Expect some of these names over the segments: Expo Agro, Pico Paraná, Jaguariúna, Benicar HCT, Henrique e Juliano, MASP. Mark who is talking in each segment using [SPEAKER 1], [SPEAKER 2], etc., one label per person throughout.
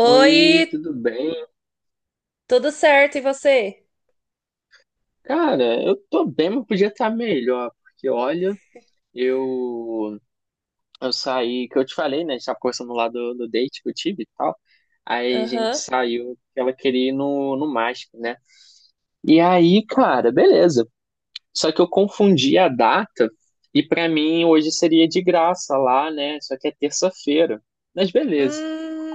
[SPEAKER 1] Oi, tudo bem?
[SPEAKER 2] tudo certo e você?
[SPEAKER 1] Cara, eu tô bem, mas podia estar melhor, porque olha, eu eu saí, que eu te falei, né? A gente tava conversando lá do date que eu tive e tal. Aí a gente
[SPEAKER 2] Aham.
[SPEAKER 1] saiu, porque ela queria ir no MASP, né? E aí, cara, beleza. Só que eu confundi a data e pra mim hoje seria de graça lá, né? Só que é terça-feira. Mas beleza.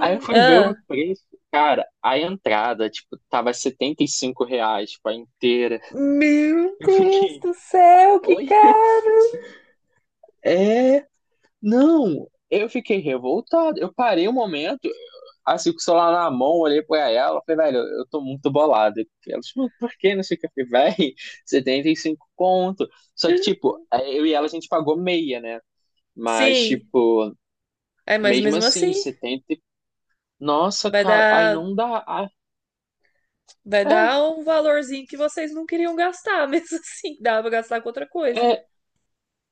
[SPEAKER 1] Aí eu fui ver o
[SPEAKER 2] Ah.
[SPEAKER 1] preço, cara, a entrada, tipo, tava R$ 75, tipo, a inteira.
[SPEAKER 2] Meu
[SPEAKER 1] Eu
[SPEAKER 2] Deus
[SPEAKER 1] fiquei,
[SPEAKER 2] do céu, que
[SPEAKER 1] oi?
[SPEAKER 2] caro!
[SPEAKER 1] É, não. Eu fiquei revoltado. Eu parei um momento, assim, com o celular na mão, olhei pra ela, falei, velho, eu tô muito bolado. Ela, tipo, por que não sei o que? Eu falei, velho, 75 conto. Só que, tipo, é, eu e ela a gente pagou meia, né? Mas,
[SPEAKER 2] Sim.
[SPEAKER 1] tipo,
[SPEAKER 2] É, mas
[SPEAKER 1] mesmo
[SPEAKER 2] mesmo
[SPEAKER 1] assim,
[SPEAKER 2] assim,
[SPEAKER 1] 75- Nossa,
[SPEAKER 2] vai
[SPEAKER 1] cara, aí
[SPEAKER 2] dar,
[SPEAKER 1] não dá. Ah,
[SPEAKER 2] vai
[SPEAKER 1] é,
[SPEAKER 2] dar um valorzinho que vocês não queriam gastar, mesmo assim, dá pra gastar com outra coisa.
[SPEAKER 1] é,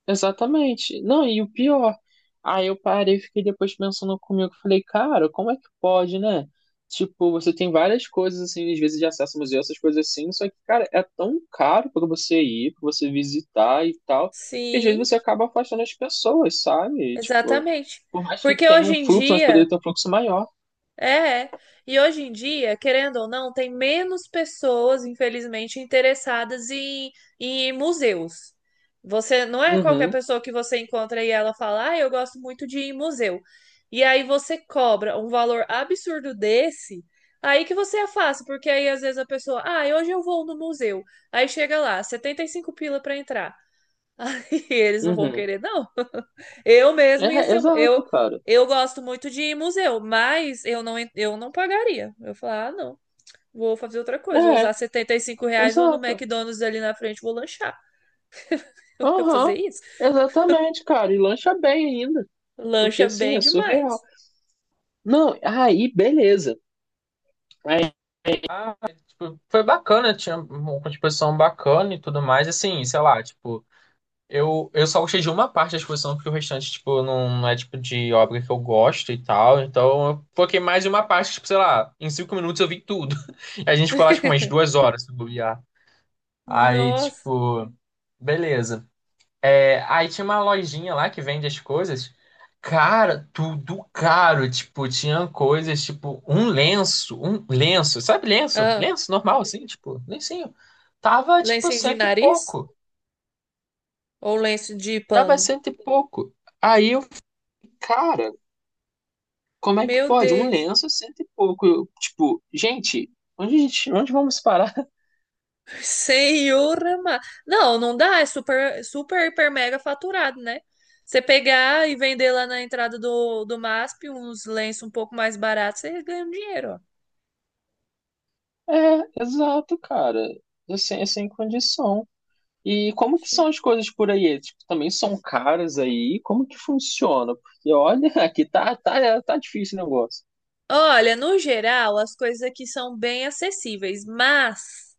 [SPEAKER 1] exatamente. Não, e o pior, aí eu parei e fiquei depois pensando comigo, falei, cara, como é que pode, né? Tipo, você tem várias coisas assim, às vezes de acesso ao museu, essas coisas assim, só que, cara, é tão caro pra você ir, pra você visitar e tal, que às
[SPEAKER 2] Sim,
[SPEAKER 1] vezes você acaba afastando as pessoas, sabe? Tipo,
[SPEAKER 2] exatamente.
[SPEAKER 1] por mais que
[SPEAKER 2] Porque
[SPEAKER 1] tenha
[SPEAKER 2] hoje
[SPEAKER 1] um
[SPEAKER 2] em
[SPEAKER 1] fluxo, mas poderia
[SPEAKER 2] dia.
[SPEAKER 1] ter um fluxo maior.
[SPEAKER 2] É, é. E hoje em dia, querendo ou não, tem menos pessoas, infelizmente, interessadas em museus. Você não é qualquer
[SPEAKER 1] Uhum,
[SPEAKER 2] pessoa que você encontra e ela fala, ah, eu gosto muito de ir em museu. E aí você cobra um valor absurdo desse, aí que você afasta, porque aí às vezes a pessoa, ah, hoje eu vou no museu. Aí chega lá, 75 pila pra entrar. E eles não vão
[SPEAKER 1] uhum.
[SPEAKER 2] querer, não. Eu mesmo ia
[SPEAKER 1] É,
[SPEAKER 2] ser. Eu,
[SPEAKER 1] exato, cara.
[SPEAKER 2] eu gosto muito de ir em museu, mas eu não, eu não pagaria. Eu falar, ah, não. Vou fazer outra coisa. Vou
[SPEAKER 1] É,
[SPEAKER 2] usar R$ 75, vou no
[SPEAKER 1] exato.
[SPEAKER 2] McDonald's ali na frente, vou lanchar. Eu vou fazer
[SPEAKER 1] Aham,
[SPEAKER 2] isso.
[SPEAKER 1] exatamente, cara. E lancha bem ainda. Porque
[SPEAKER 2] Lancha
[SPEAKER 1] assim,
[SPEAKER 2] bem
[SPEAKER 1] é surreal.
[SPEAKER 2] demais.
[SPEAKER 1] Não, aí beleza. Aí, ah, tipo, foi bacana, tinha uma exposição bacana e tudo mais. Assim, sei lá, tipo, eu só gostei de uma parte da exposição, porque o restante, tipo, não, não é tipo de obra que eu gosto e tal. Então, eu foquei mais em uma parte, tipo, sei lá, em 5 minutos eu vi tudo. E a gente ficou lá, tipo, umas duas horas se bobear. Aí,
[SPEAKER 2] Nossa.
[SPEAKER 1] tipo, beleza. É, aí tinha uma lojinha lá que vende as coisas. Cara, tudo caro. Tipo, tinha coisas, tipo, um lenço, sabe lenço?
[SPEAKER 2] Ah,
[SPEAKER 1] Lenço normal, assim, tipo, lencinho. Tava, tipo,
[SPEAKER 2] lenço de
[SPEAKER 1] cento e
[SPEAKER 2] nariz?
[SPEAKER 1] pouco.
[SPEAKER 2] Ou lenço de
[SPEAKER 1] Tava
[SPEAKER 2] pano?
[SPEAKER 1] cento e pouco. Aí eu, cara, como é que
[SPEAKER 2] Meu
[SPEAKER 1] pode? Um
[SPEAKER 2] Deus.
[SPEAKER 1] lenço, cento e pouco. Eu, tipo, gente, onde, a gente- onde vamos parar?
[SPEAKER 2] Senhor amado. Não, não dá, é super, super, hiper, mega faturado, né? Você pegar e vender lá na entrada do MASP uns lenços um pouco mais baratos, você ganha um dinheiro, ó.
[SPEAKER 1] É, exato, cara. Assim, é sem condição. E como que são
[SPEAKER 2] Sim.
[SPEAKER 1] as coisas por aí? Tipo, também são caras aí? Como que funciona? Porque olha, aqui tá difícil o negócio.
[SPEAKER 2] Olha, no geral, as coisas aqui são bem acessíveis, mas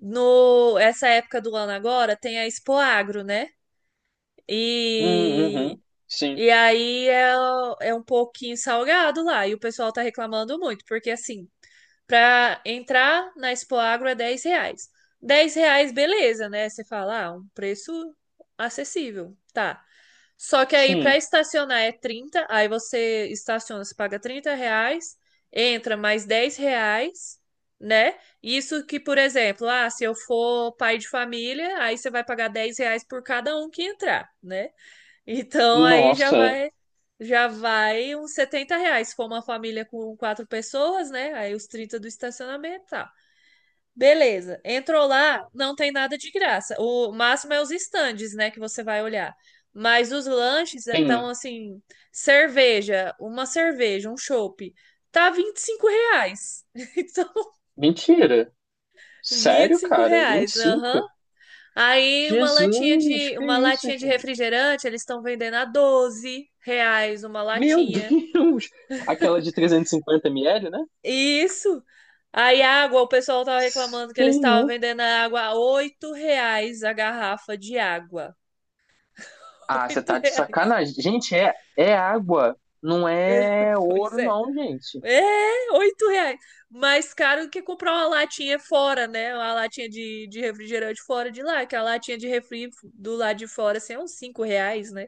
[SPEAKER 2] no essa época do ano agora tem a Expo Agro, né? E,
[SPEAKER 1] Uhum, sim,
[SPEAKER 2] e aí é um pouquinho salgado lá, e o pessoal tá reclamando muito, porque assim, para entrar na Expo Agro é R$ 10. R$ 10, beleza, né? Você fala, ah, um preço acessível, tá. Só que aí para
[SPEAKER 1] sim.
[SPEAKER 2] estacionar é 30, aí você estaciona, você paga R$ 30, entra mais R$ 10, né? Isso que, por exemplo, ah, se eu for pai de família, aí você vai pagar R$ 10 por cada um que entrar, né? Então aí já
[SPEAKER 1] Nossa,
[SPEAKER 2] vai já vai uns R$ 70. Se for uma família com 4 pessoas, né? Aí os 30 do estacionamento, tá. Beleza. Entrou lá, não tem nada de graça. O máximo é os estandes, né? Que você vai olhar. Mas os lanches estão
[SPEAKER 1] sim.
[SPEAKER 2] assim: cerveja, uma cerveja, um chopp. Tá R$ 25. Então,
[SPEAKER 1] Mentira.
[SPEAKER 2] vinte e
[SPEAKER 1] Sério,
[SPEAKER 2] cinco
[SPEAKER 1] cara? Vinte e
[SPEAKER 2] reais. Aham.
[SPEAKER 1] cinco?
[SPEAKER 2] Aí uma latinha
[SPEAKER 1] Jesus,
[SPEAKER 2] de
[SPEAKER 1] que
[SPEAKER 2] uma
[SPEAKER 1] isso,
[SPEAKER 2] latinha de
[SPEAKER 1] gente?
[SPEAKER 2] refrigerante, eles estão vendendo a R$ 12 uma
[SPEAKER 1] Meu
[SPEAKER 2] latinha.
[SPEAKER 1] Deus! Aquela de 350 ml, né?
[SPEAKER 2] Isso. Aí água, o pessoal tava reclamando que eles estavam
[SPEAKER 1] Senhor.
[SPEAKER 2] vendendo a água a R$ 8 a garrafa de água.
[SPEAKER 1] Ah, você
[SPEAKER 2] oito
[SPEAKER 1] tá de
[SPEAKER 2] reais.
[SPEAKER 1] sacanagem. Gente, é, é água. Não
[SPEAKER 2] Esse-
[SPEAKER 1] é
[SPEAKER 2] Pois
[SPEAKER 1] ouro,
[SPEAKER 2] é.
[SPEAKER 1] não, gente.
[SPEAKER 2] É, R$ 8. Mais caro que comprar uma latinha fora, né? Uma latinha de refrigerante fora de lá, que a latinha de refri do lado de fora, assim, é uns R$ 5, né?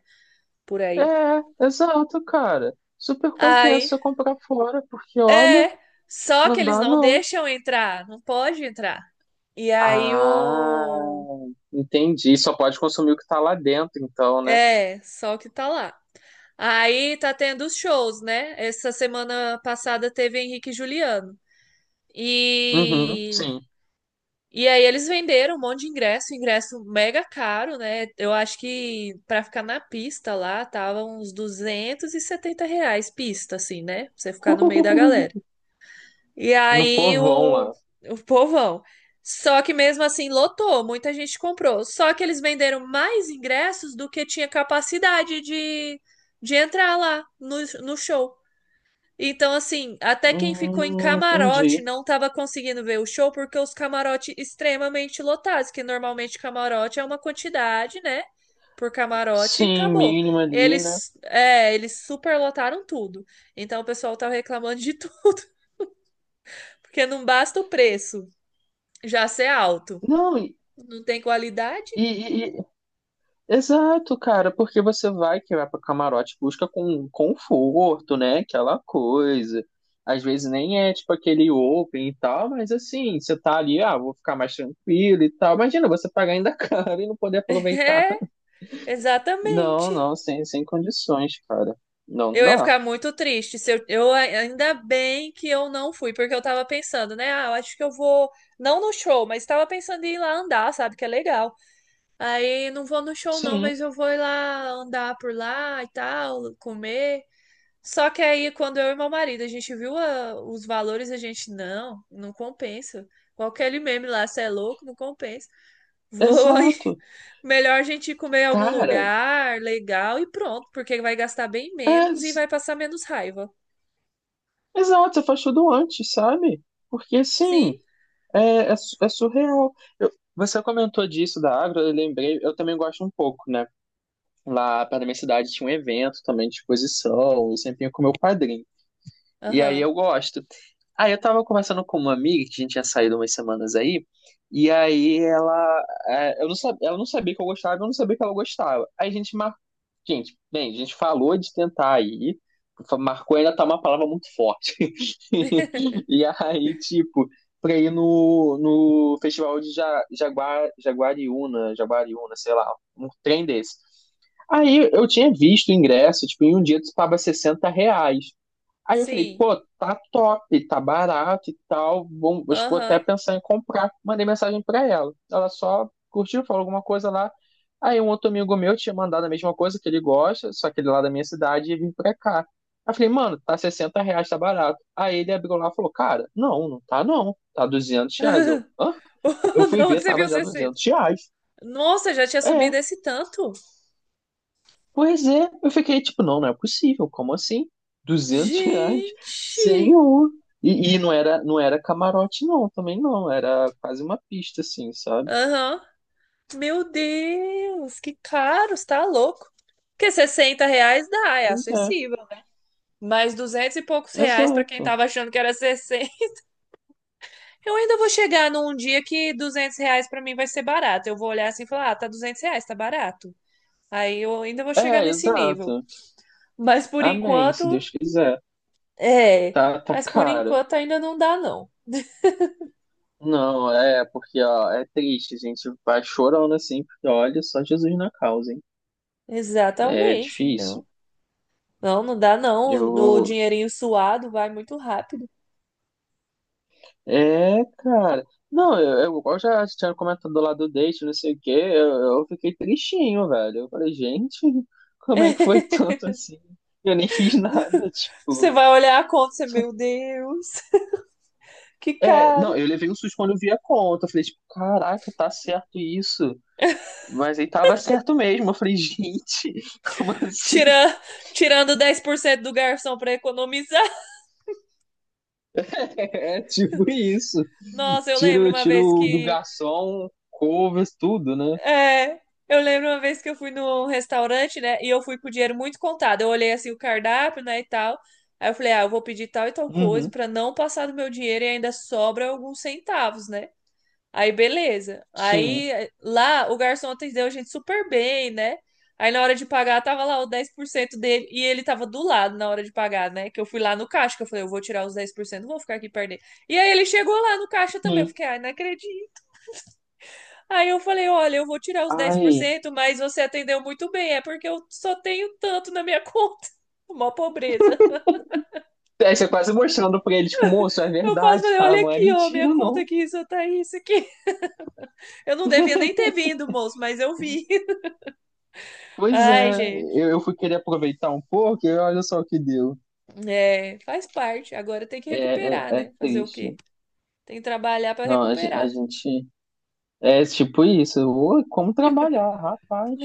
[SPEAKER 2] Por aí.
[SPEAKER 1] É, exato, cara. Super
[SPEAKER 2] Aí,
[SPEAKER 1] compensa comprar fora, porque olha,
[SPEAKER 2] é, só que
[SPEAKER 1] não
[SPEAKER 2] eles
[SPEAKER 1] dá
[SPEAKER 2] não
[SPEAKER 1] não.
[SPEAKER 2] deixam entrar, não pode entrar. E aí
[SPEAKER 1] Ah,
[SPEAKER 2] o.
[SPEAKER 1] entendi. Só pode consumir o que tá lá dentro, então, né?
[SPEAKER 2] É, só que tá lá. Aí tá tendo os shows, né? Essa semana passada teve Henrique e Juliano.
[SPEAKER 1] Uhum,
[SPEAKER 2] E,
[SPEAKER 1] sim.
[SPEAKER 2] e aí eles venderam um monte de ingresso mega caro, né? Eu acho que pra ficar na pista lá tava uns R$ 270 pista, assim, né? Pra você ficar no meio da galera. E
[SPEAKER 1] No
[SPEAKER 2] aí
[SPEAKER 1] povão
[SPEAKER 2] o,
[SPEAKER 1] lá.
[SPEAKER 2] o povão. Só que mesmo assim lotou, muita gente comprou. Só que eles venderam mais ingressos do que tinha capacidade de entrar lá no show. Então, assim, até quem ficou em
[SPEAKER 1] Entendi.
[SPEAKER 2] camarote não estava conseguindo ver o show porque os camarotes extremamente lotados, que normalmente camarote é uma quantidade, né? Por camarote e
[SPEAKER 1] Sim,
[SPEAKER 2] acabou.
[SPEAKER 1] mínimo ali, né?
[SPEAKER 2] Eles superlotaram tudo. Então, o pessoal tava reclamando de tudo. Porque não basta o preço já ser alto.
[SPEAKER 1] Não,
[SPEAKER 2] Não tem qualidade?
[SPEAKER 1] e, exato, cara, porque você vai que vai para camarote busca com conforto, né? Aquela coisa. Às vezes nem é tipo aquele open e tal, mas assim, você tá ali, ah, vou ficar mais tranquilo e tal. Imagina você pagar ainda caro e não poder aproveitar.
[SPEAKER 2] É,
[SPEAKER 1] Não,
[SPEAKER 2] exatamente.
[SPEAKER 1] não, sem, sem condições, cara. Não
[SPEAKER 2] Eu ia
[SPEAKER 1] dá.
[SPEAKER 2] ficar muito triste se ainda bem que eu não fui, porque eu tava pensando, né? Ah, eu acho que eu vou não no show, mas tava pensando em ir lá andar, sabe? Que é legal. Aí não vou no show não, mas
[SPEAKER 1] Sim,
[SPEAKER 2] eu vou ir lá andar por lá e tal, comer. Só que aí quando eu e meu marido a gente viu os valores, a gente não, não compensa. Qualquer meme lá, você é louco, não compensa. Vou.
[SPEAKER 1] exato.
[SPEAKER 2] Melhor a gente ir comer em algum
[SPEAKER 1] Cara,
[SPEAKER 2] lugar legal e pronto, porque vai gastar bem
[SPEAKER 1] é,
[SPEAKER 2] menos e
[SPEAKER 1] s-
[SPEAKER 2] vai passar menos raiva.
[SPEAKER 1] exato, você faz tudo antes, sabe? Porque
[SPEAKER 2] Sim,
[SPEAKER 1] assim, é, é, su- é surreal. Eu- você comentou disso da Agro, eu lembrei, eu também gosto um pouco, né? Lá perto da minha cidade tinha um evento também de exposição, eu sempre ia com meu padrinho. E aí
[SPEAKER 2] aham.
[SPEAKER 1] eu gosto. Aí eu tava conversando com uma amiga que a gente tinha saído umas semanas aí, e aí ela, é, eu não sabia, ela não sabia que eu gostava, eu não sabia que ela gostava. Aí a gente gente, bem, a gente falou de tentar aí, marcou ainda tá uma palavra muito forte. E aí, tipo, pra ir no festival de Jaguariúna, sei lá, um trem desse. Aí eu tinha visto o ingresso, tipo, em um dia tu paga 60 reais. Aí eu falei,
[SPEAKER 2] Sim,
[SPEAKER 1] pô, tá top, tá barato e tal, bom, acho que vou até
[SPEAKER 2] aham.
[SPEAKER 1] pensar em comprar. Mandei mensagem pra ela. Ela só curtiu, falou alguma coisa lá. Aí um outro amigo meu tinha mandado a mesma coisa que ele gosta, só que ele é lá da minha cidade e vim pra cá. Aí eu falei, mano, tá 60 reais, tá barato. Aí ele abriu lá e falou, cara, não, não tá não, tá 200 reais. Eu, hã? Eu
[SPEAKER 2] De
[SPEAKER 1] fui
[SPEAKER 2] onde
[SPEAKER 1] ver,
[SPEAKER 2] você
[SPEAKER 1] tava
[SPEAKER 2] viu
[SPEAKER 1] já
[SPEAKER 2] 60?
[SPEAKER 1] 200 reais.
[SPEAKER 2] Nossa, já tinha
[SPEAKER 1] É,
[SPEAKER 2] subido esse tanto?
[SPEAKER 1] pois é, eu fiquei tipo, não, não é possível, como assim? 200 reais?
[SPEAKER 2] Gente!
[SPEAKER 1] Senhor! E não era, não era camarote, não, também não, era quase uma pista, assim, sabe?
[SPEAKER 2] Aham. Meu Deus, que caro, você tá louco. Porque R$ 60 dá, é
[SPEAKER 1] Pois é,
[SPEAKER 2] acessível. Mas 200 e poucos reais pra quem
[SPEAKER 1] exato.
[SPEAKER 2] tava achando que era 60. Eu ainda vou chegar num dia que R$ 200 pra mim vai ser barato. Eu vou olhar assim e falar, ah, tá R$ 200, tá barato. Aí eu ainda vou chegar
[SPEAKER 1] É,
[SPEAKER 2] nesse nível.
[SPEAKER 1] exato.
[SPEAKER 2] Mas por
[SPEAKER 1] Amém, se
[SPEAKER 2] enquanto,
[SPEAKER 1] Deus quiser.
[SPEAKER 2] é.
[SPEAKER 1] Tá, tá
[SPEAKER 2] Mas por
[SPEAKER 1] cara.
[SPEAKER 2] enquanto ainda não dá, não.
[SPEAKER 1] Não, é, porque, ó, é triste, a gente vai chorando assim, porque olha só Jesus na causa, hein? É
[SPEAKER 2] Exatamente,
[SPEAKER 1] difícil.
[SPEAKER 2] não. Não, não dá, não. O
[SPEAKER 1] Eu,
[SPEAKER 2] dinheirinho suado vai muito rápido.
[SPEAKER 1] é, cara. Não, igual já tinha comentado lá do date, não sei o quê, eu fiquei tristinho, velho. Eu falei, gente, como é que foi tanto assim? Eu nem fiz nada,
[SPEAKER 2] Você
[SPEAKER 1] tipo.
[SPEAKER 2] vai olhar a conta, você,
[SPEAKER 1] Só-
[SPEAKER 2] meu Deus, que
[SPEAKER 1] é, não,
[SPEAKER 2] caro.
[SPEAKER 1] eu levei um susto quando eu vi a conta. Eu falei, tipo, caraca, tá certo isso. Mas aí tava certo mesmo. Eu falei, gente, como assim?
[SPEAKER 2] Tira, tirando 10% do garçom pra economizar.
[SPEAKER 1] É, tipo isso.
[SPEAKER 2] Nossa.
[SPEAKER 1] Tiro, tiro do garçom, covers, tudo, né?
[SPEAKER 2] É, eu lembro uma vez que eu fui num restaurante, né? E eu fui com o dinheiro muito contado. Eu olhei assim o cardápio, né, e tal. Aí eu falei, ah, eu vou pedir tal e tal coisa
[SPEAKER 1] Uhum,
[SPEAKER 2] pra não passar do meu dinheiro e ainda sobra alguns centavos, né? Aí beleza.
[SPEAKER 1] sim.
[SPEAKER 2] Aí lá o garçom atendeu a gente super bem, né? Aí na hora de pagar tava lá o 10% dele e ele tava do lado na hora de pagar, né? Que eu fui lá no caixa, que eu falei, eu vou tirar os 10%, não vou ficar aqui perdendo. E aí ele chegou lá no caixa também. Eu
[SPEAKER 1] Sim.
[SPEAKER 2] fiquei, ai, não acredito. Aí eu falei, olha, eu vou tirar os dez por
[SPEAKER 1] Ai.
[SPEAKER 2] cento, mas você atendeu muito bem, é porque eu só tenho tanto na minha conta. Mó pobreza.
[SPEAKER 1] É, você quase mostrando pra ele, tipo, moço, é
[SPEAKER 2] Eu quase
[SPEAKER 1] verdade,
[SPEAKER 2] falei,
[SPEAKER 1] tá?
[SPEAKER 2] olha
[SPEAKER 1] Não é
[SPEAKER 2] aqui, ó, minha
[SPEAKER 1] mentira,
[SPEAKER 2] conta
[SPEAKER 1] não.
[SPEAKER 2] aqui, só tá isso aqui. Eu não devia nem ter vindo, moço, mas eu vi.
[SPEAKER 1] Pois
[SPEAKER 2] Ai,
[SPEAKER 1] é,
[SPEAKER 2] gente.
[SPEAKER 1] eu fui querer aproveitar um pouco e olha só o que deu.
[SPEAKER 2] É, faz parte. Agora tem que
[SPEAKER 1] É, é,
[SPEAKER 2] recuperar,
[SPEAKER 1] é
[SPEAKER 2] né? Fazer o
[SPEAKER 1] triste.
[SPEAKER 2] quê? Tem que trabalhar pra
[SPEAKER 1] Não, a, gen- a
[SPEAKER 2] recuperar.
[SPEAKER 1] gente. É tipo isso. Ô, como trabalhar, rapaz?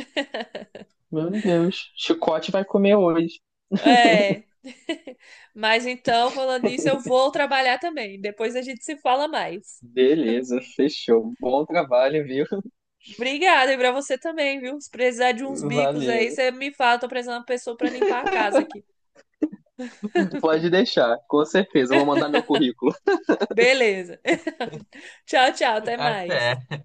[SPEAKER 1] Meu Deus. Chicote vai comer hoje.
[SPEAKER 2] É. Mas então, falando nisso, eu vou trabalhar também. Depois a gente se fala mais.
[SPEAKER 1] Beleza, fechou. Bom trabalho, viu?
[SPEAKER 2] Obrigada, e pra você também, viu? Se precisar de uns bicos aí,
[SPEAKER 1] Valeu.
[SPEAKER 2] você me fala, tô precisando de uma pessoa pra limpar a casa aqui.
[SPEAKER 1] Pode deixar, com certeza. Eu vou mandar meu currículo.
[SPEAKER 2] Beleza. Tchau, tchau, até mais.
[SPEAKER 1] Até.